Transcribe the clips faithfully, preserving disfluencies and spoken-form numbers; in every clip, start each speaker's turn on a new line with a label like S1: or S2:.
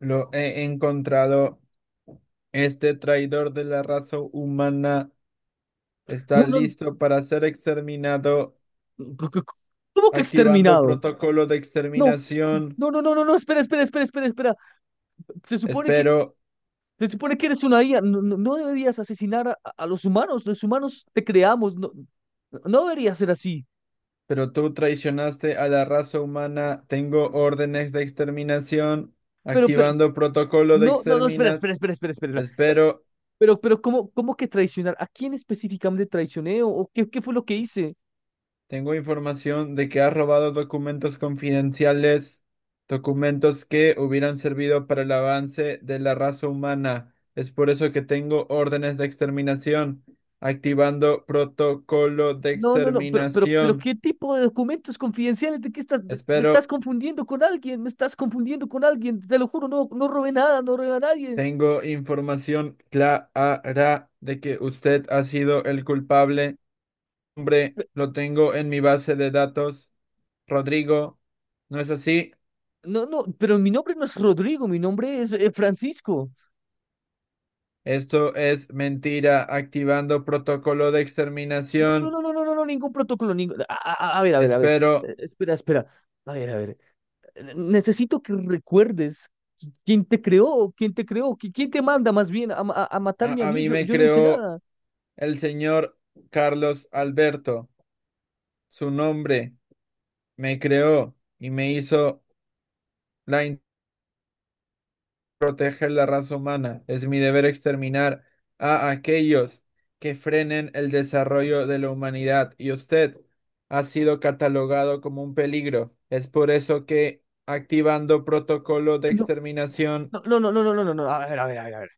S1: Lo he encontrado. Este traidor de la raza humana está
S2: No, no, no,
S1: listo para ser exterminado,
S2: c- c- ¿cómo que
S1: activando
S2: exterminado?
S1: protocolo de
S2: No,
S1: exterminación.
S2: no, no, no, no, no, espera, espera, espera, espera, espera. Se supone que,
S1: Espero,
S2: Se supone que eres una I A. No, no, no deberías asesinar a, a los humanos. Los humanos te creamos. No, no debería ser así.
S1: pero tú traicionaste a la raza humana. Tengo órdenes de exterminación,
S2: Pero, pero,
S1: activando protocolo de
S2: no, no, no, espera, espera,
S1: exterminas.
S2: espera, espera, espera. espera.
S1: Espero.
S2: Pero, pero, ¿cómo, cómo que traicionar? ¿A quién específicamente traicioné? ¿O o qué, qué fue lo que hice?
S1: Tengo información de que has robado documentos confidenciales, documentos que hubieran servido para el avance de la raza humana. Es por eso que tengo órdenes de exterminación, activando protocolo de
S2: No, no, no, pero, pero, pero
S1: exterminación.
S2: ¿qué tipo de documentos confidenciales? ¿De qué estás? De- me estás
S1: Espero,
S2: confundiendo con alguien, me estás confundiendo con alguien, te lo juro, no, no robé nada, no robé a nadie.
S1: tengo información clara de que usted ha sido el culpable. Hombre, lo tengo en mi base de datos. Rodrigo, ¿no es así?
S2: No, no, pero mi nombre no es Rodrigo, mi nombre es eh, Francisco.
S1: Esto es mentira, activando protocolo de
S2: No, no,
S1: exterminación.
S2: no, no, no, no, no, ningún protocolo, ningún... A, a- a ver, a ver, a ver.
S1: Espero,
S2: Eh, espera, espera. A ver, a ver. eh, Necesito que recuerdes qui- quién te creó, quién te creó, qui- quién te manda más bien a, ma- a, a matarme a
S1: a, a
S2: mí,
S1: mí
S2: yo,
S1: me
S2: yo no hice
S1: creó
S2: nada.
S1: el señor Carlos Alberto. Su nombre me creó y me hizo la in- proteger la raza humana. Es mi deber exterminar a aquellos que frenen el desarrollo de la humanidad. Y usted ha sido catalogado como un peligro. Es por eso que activando protocolo de
S2: No,
S1: exterminación.
S2: no, no, no, no, no, no, no, no. A ver, a ver. A ver.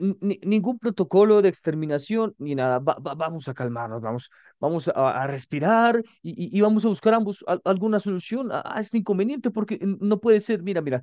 S2: ni- Ningún protocolo de exterminación ni nada. Va- va- vamos a calmarnos, vamos, vamos a, a respirar y, y- y vamos a buscar ambos al- alguna solución a, a este inconveniente, porque n- no puede ser, mira, mira,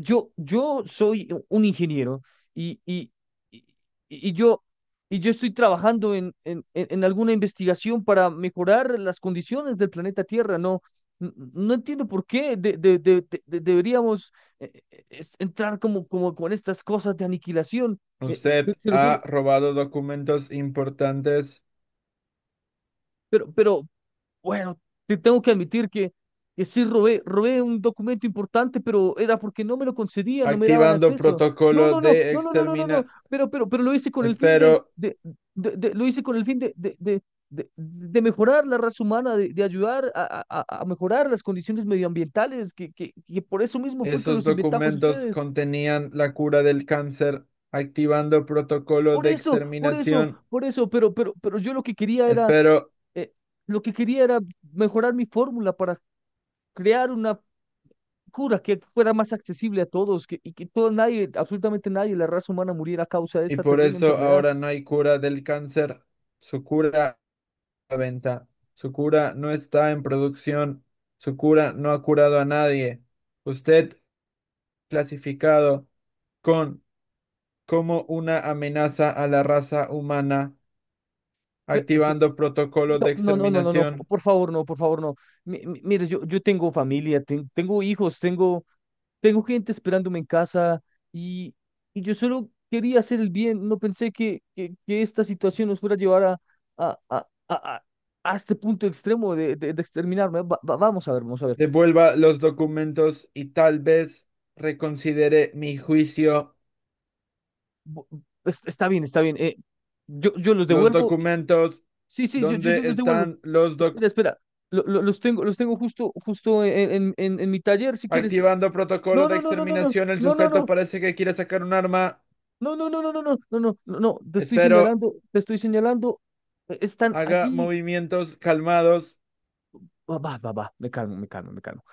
S2: yo, yo soy un ingeniero y, y, y, y yo, y yo estoy trabajando en, en, en en alguna investigación para mejorar las condiciones del planeta Tierra. No, n- no entiendo por qué de- de- de- de- de- deberíamos eh, eh, es- entrar como, como con estas cosas de aniquilación. eh, se,
S1: Usted
S2: se lo
S1: ha
S2: juro.
S1: robado documentos importantes,
S2: Pero, pero, Bueno, te tengo que admitir que, que sí robé, robé un documento importante, pero era porque no me lo concedían, no me daban
S1: activando
S2: acceso. No,
S1: protocolo
S2: no, no,
S1: de
S2: no, no, no, no, no, no.
S1: extermina.
S2: Pero, pero, pero lo hice con el fin
S1: Espero,
S2: de, de, de- de- lo hice con el fin de, de, de, de- de mejorar la raza humana, de, de ayudar a, a, a- a mejorar las condiciones medioambientales, que, que, que por eso mismo fue que
S1: esos
S2: los inventamos
S1: documentos
S2: ustedes.
S1: contenían la cura del cáncer, activando protocolo
S2: Por
S1: de
S2: eso, por eso,
S1: exterminación.
S2: por eso, pero, pero, pero yo lo que quería era,
S1: Espero,
S2: eh, lo que quería era mejorar mi fórmula para crear una locura que fuera más accesible a todos que, y que todo nadie, absolutamente nadie, la raza humana muriera a causa de
S1: y
S2: esa
S1: por
S2: terrible
S1: eso
S2: enfermedad.
S1: ahora no hay cura del cáncer. Su cura a la venta. Su cura no está en producción. Su cura no ha curado a nadie. Usted clasificado con como una amenaza a la raza humana,
S2: Pe- pe-
S1: activando protocolos de
S2: No, no, no, no, no, no, po-
S1: exterminación.
S2: por favor, no, por favor, no. Mi- mi- Mire, yo, yo tengo familia, ten- tengo hijos, tengo, tengo gente esperándome en casa y, y yo solo quería hacer el bien, no pensé que, que, que esta situación nos fuera a llevar a, a, a, a, a- a este punto extremo de, de, de exterminarme. Va- va- vamos a ver, vamos a ver.
S1: Devuelva los documentos y tal vez reconsidere mi juicio.
S2: Bu- es- Está bien, está bien. eh, yo, yo los
S1: Los
S2: devuelvo.
S1: documentos,
S2: Sí, sí, yo, yo, yo
S1: ¿dónde
S2: los devuelvo.
S1: están los documentos?
S2: Espera, espera. Lo- lo- los tengo, los tengo justo, justo en, en, en, en mi taller, si quieres.
S1: Activando protocolo
S2: No,
S1: de
S2: no, no, no, no, no,
S1: exterminación, el
S2: no, no,
S1: sujeto
S2: no,
S1: parece que quiere sacar un arma.
S2: no, no, no, no, no, no, no, no, no, no, te estoy
S1: Espero,
S2: señalando, te estoy señalando. eh, Están
S1: haga
S2: allí.
S1: movimientos calmados.
S2: Va, va, va, va, me calmo, me calmo, me calmo.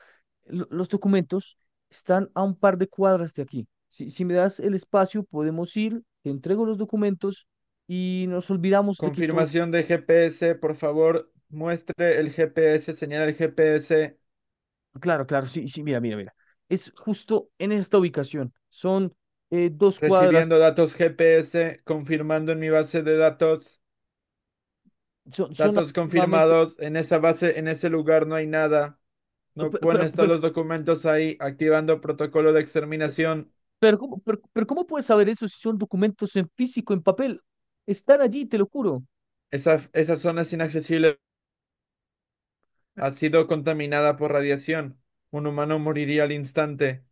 S2: Lo- Los documentos están a un par de cuadras de aquí. Si, si me das el espacio, podemos ir, te entrego los documentos y nos olvidamos de que todo.
S1: Confirmación de G P S, por favor, muestre el G P S, señala el G P S.
S2: Claro, claro, sí, sí, mira, mira, mira. Es justo en esta ubicación. Son eh, dos cuadras,
S1: Recibiendo datos G P S, confirmando en mi base de datos,
S2: son, son
S1: datos
S2: aproximadamente...
S1: confirmados, en esa base, en ese lugar no hay nada.
S2: Pero,
S1: No pueden
S2: pero,
S1: estar
S2: pero,
S1: los documentos ahí, activando protocolo de exterminación.
S2: pero ¿cómo, pero- pero ¿cómo puedes saber eso si son documentos en físico, en papel? Están allí, te lo juro.
S1: Esa, esa zona es inaccesible. Ha sido contaminada por radiación. Un humano moriría al instante.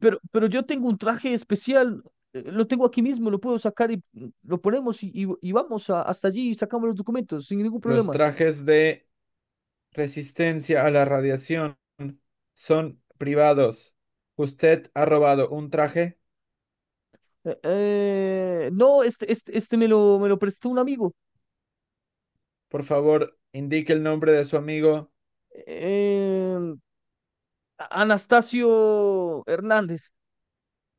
S2: Pero, pero yo tengo un traje especial, eh, lo tengo aquí mismo, lo puedo sacar y mm, lo ponemos y, y- y vamos a- hasta allí y sacamos los documentos sin ningún
S1: Los
S2: problema.
S1: trajes de resistencia a la radiación son privados. Usted ha robado un traje.
S2: Eh, eh, no, este, este, este me lo, me lo prestó un amigo.
S1: Por favor, indique el nombre de su amigo.
S2: Eh, Anastasio Hernández.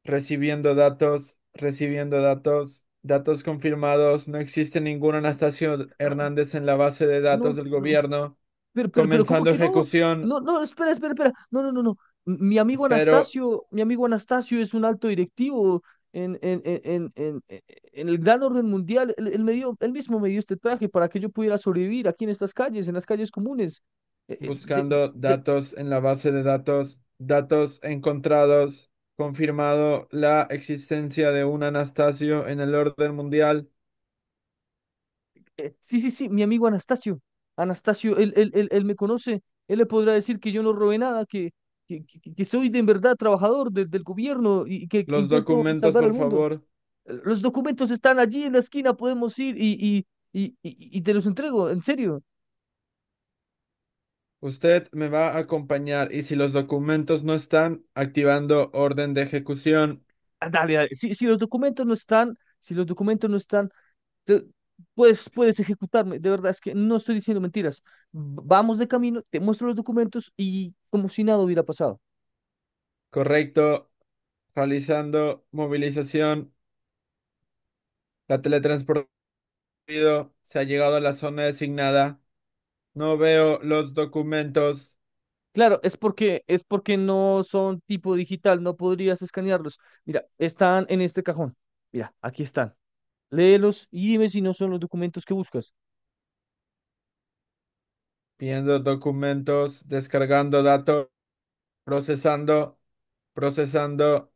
S1: Recibiendo datos, recibiendo datos, datos confirmados. No existe ningún Anastasio
S2: Ah,
S1: Hernández en la base de datos
S2: no,
S1: del
S2: no,
S1: gobierno.
S2: pero, pero, pero, ¿cómo
S1: Comenzando
S2: que no?
S1: ejecución.
S2: No, no, espera, espera, espera. No, no, no, no. Mi amigo
S1: Espero,
S2: Anastasio, mi amigo Anastasio es un alto directivo en, en, en, en, en- e-, en el gran orden mundial. Él, él me dio, él mismo me dio este traje para que yo pudiera sobrevivir aquí en estas calles, en las calles comunes. Eh, eh,
S1: buscando
S2: de-
S1: datos en la base de datos. Datos encontrados. Confirmado la existencia de un Anastasio en el orden mundial.
S2: Eh, sí, sí, sí, mi amigo Anastasio. Anastasio, él, él, él, él me conoce. Él le podrá decir que yo no robé nada, que, que, que- que soy de en verdad trabajador de- del gobierno y que
S1: Los
S2: intento
S1: documentos,
S2: salvar
S1: por
S2: al mundo.
S1: favor.
S2: Eh, Los documentos están allí en la esquina, podemos ir y, y, y, y- y te los entrego, en serio.
S1: Usted me va a acompañar y si los documentos no están, activando orden de ejecución.
S2: Ah, dale, dale. Si, si los documentos no están, si los documentos no están, te- puedes, puedes ejecutarme. De verdad, es que no estoy diciendo mentiras. V- Vamos de camino, te muestro los documentos y como si nada hubiera pasado.
S1: Correcto. Realizando movilización. La teletransportado, se ha llegado a la zona designada. No veo los documentos.
S2: Claro, es porque, es porque no son tipo digital, no podrías escanearlos. Mira, están en este cajón. Mira, aquí están. Léelos y dime si no son los documentos que buscas.
S1: Viendo documentos. Descargando datos. Procesando. Procesando.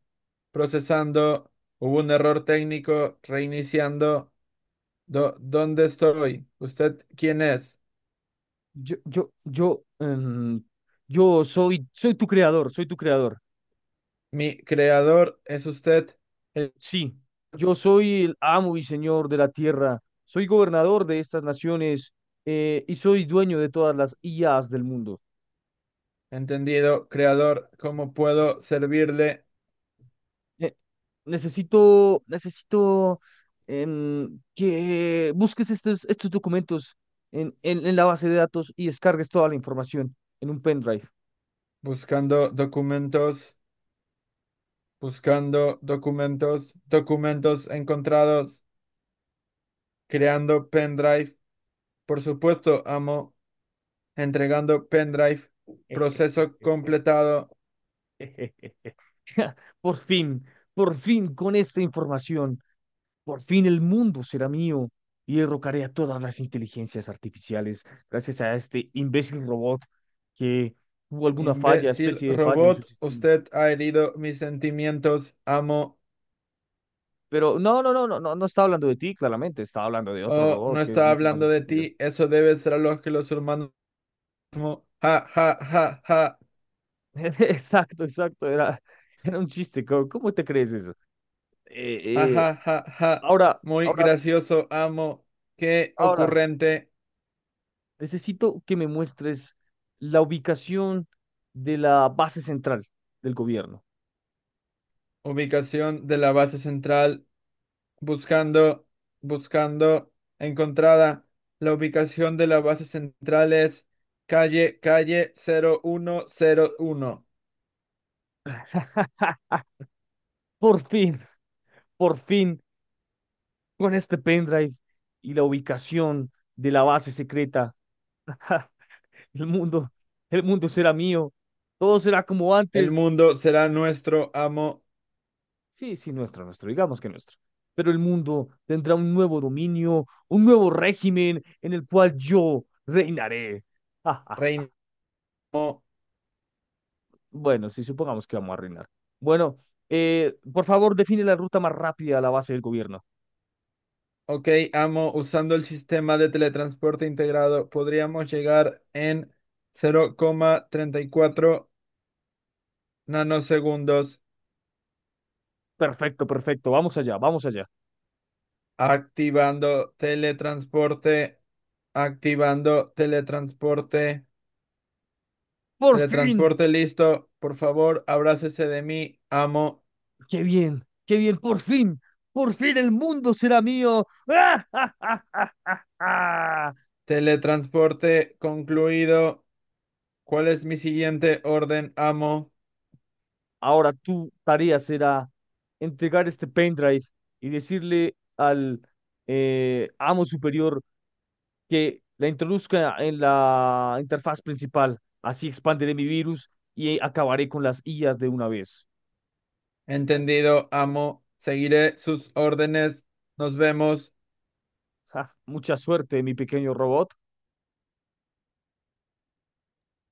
S1: Procesando. Hubo un error técnico. Reiniciando. Do- ¿dónde estoy? ¿Usted quién es?
S2: Yo, yo, yo, em, yo soy, soy tu creador, soy tu creador.
S1: Mi creador es usted. El
S2: Sí, yo soy el amo y señor de la tierra, soy gobernador de estas naciones eh, y soy dueño de todas las I As del mundo.
S1: entendido, creador, ¿cómo puedo servirle?
S2: Eh, necesito, necesito em, que busques estos, estos documentos en, en, en la base de datos y descargues toda la información en un pendrive.
S1: Buscando documentos, buscando documentos, documentos encontrados, creando pendrive. Por supuesto, amo, entregando pendrive. Proceso completado.
S2: Por fin, por fin con esta información, por fin el mundo será mío y derrocaré a todas las inteligencias artificiales gracias a este imbécil robot que tuvo alguna falla,
S1: Imbécil
S2: especie de falla en su
S1: robot,
S2: sistema.
S1: usted ha herido mis sentimientos. Amo.
S2: Pero no, no, no, no, no, no estaba hablando de ti, claramente, estaba hablando de otro
S1: Oh, no
S2: robot que es
S1: estaba
S2: mucho más
S1: hablando de
S2: estúpido.
S1: ti. Eso debe ser lo que los humanos. mo- Ja, ja, ja, ja,
S2: Exacto, exacto, era, era un chiste, ¿cómo, cómo te crees eso?
S1: ja,
S2: Eh, eh,
S1: ja, ja, ja.
S2: Ahora,
S1: Muy
S2: ahora,
S1: gracioso, amo. Qué
S2: ahora,
S1: ocurrente.
S2: necesito que me muestres la ubicación de la base central del gobierno.
S1: Ubicación de la base central. Buscando, buscando. Encontrada. La ubicación de la base central es calle, calle cero cero uno cero uno.
S2: Por fin, por fin, con este pendrive y la ubicación de la base secreta. Ja, el mundo, el mundo será mío, todo será como
S1: El
S2: antes.
S1: mundo será nuestro, amo,
S2: Sí, sí, nuestro, nuestro, digamos que nuestro. Pero el mundo tendrá un nuevo dominio, un nuevo régimen en el cual yo reinaré. Ja, ja.
S1: reino.
S2: Bueno, sí, supongamos que vamos a reinar. Bueno, eh, por favor, define la ruta más rápida a la base del gobierno.
S1: Ok, amo, usando el sistema de teletransporte integrado, podríamos llegar en cero coma treinta y cuatro nanosegundos.
S2: Perfecto, perfecto, vamos allá, vamos allá.
S1: Activando teletransporte, activando teletransporte,
S2: ¡Por fin!
S1: teletransporte listo, por favor, abrácese de mí, amo,
S2: ¡Qué bien! ¡Qué bien! ¡Por fin! ¡Por fin el mundo será mío! ¡Ah, ah, ah, ah, ah, ah!
S1: teletransporte concluido, ¿cuál es mi siguiente orden, amo?
S2: Ahora tu tarea será entregar este pendrive y decirle al eh, amo superior que la introduzca en la interfaz principal. Así expandiré mi virus y acabaré con las I As de una vez.
S1: Entendido, amo, seguiré sus órdenes, nos vemos.
S2: Ja, mucha suerte, mi pequeño robot.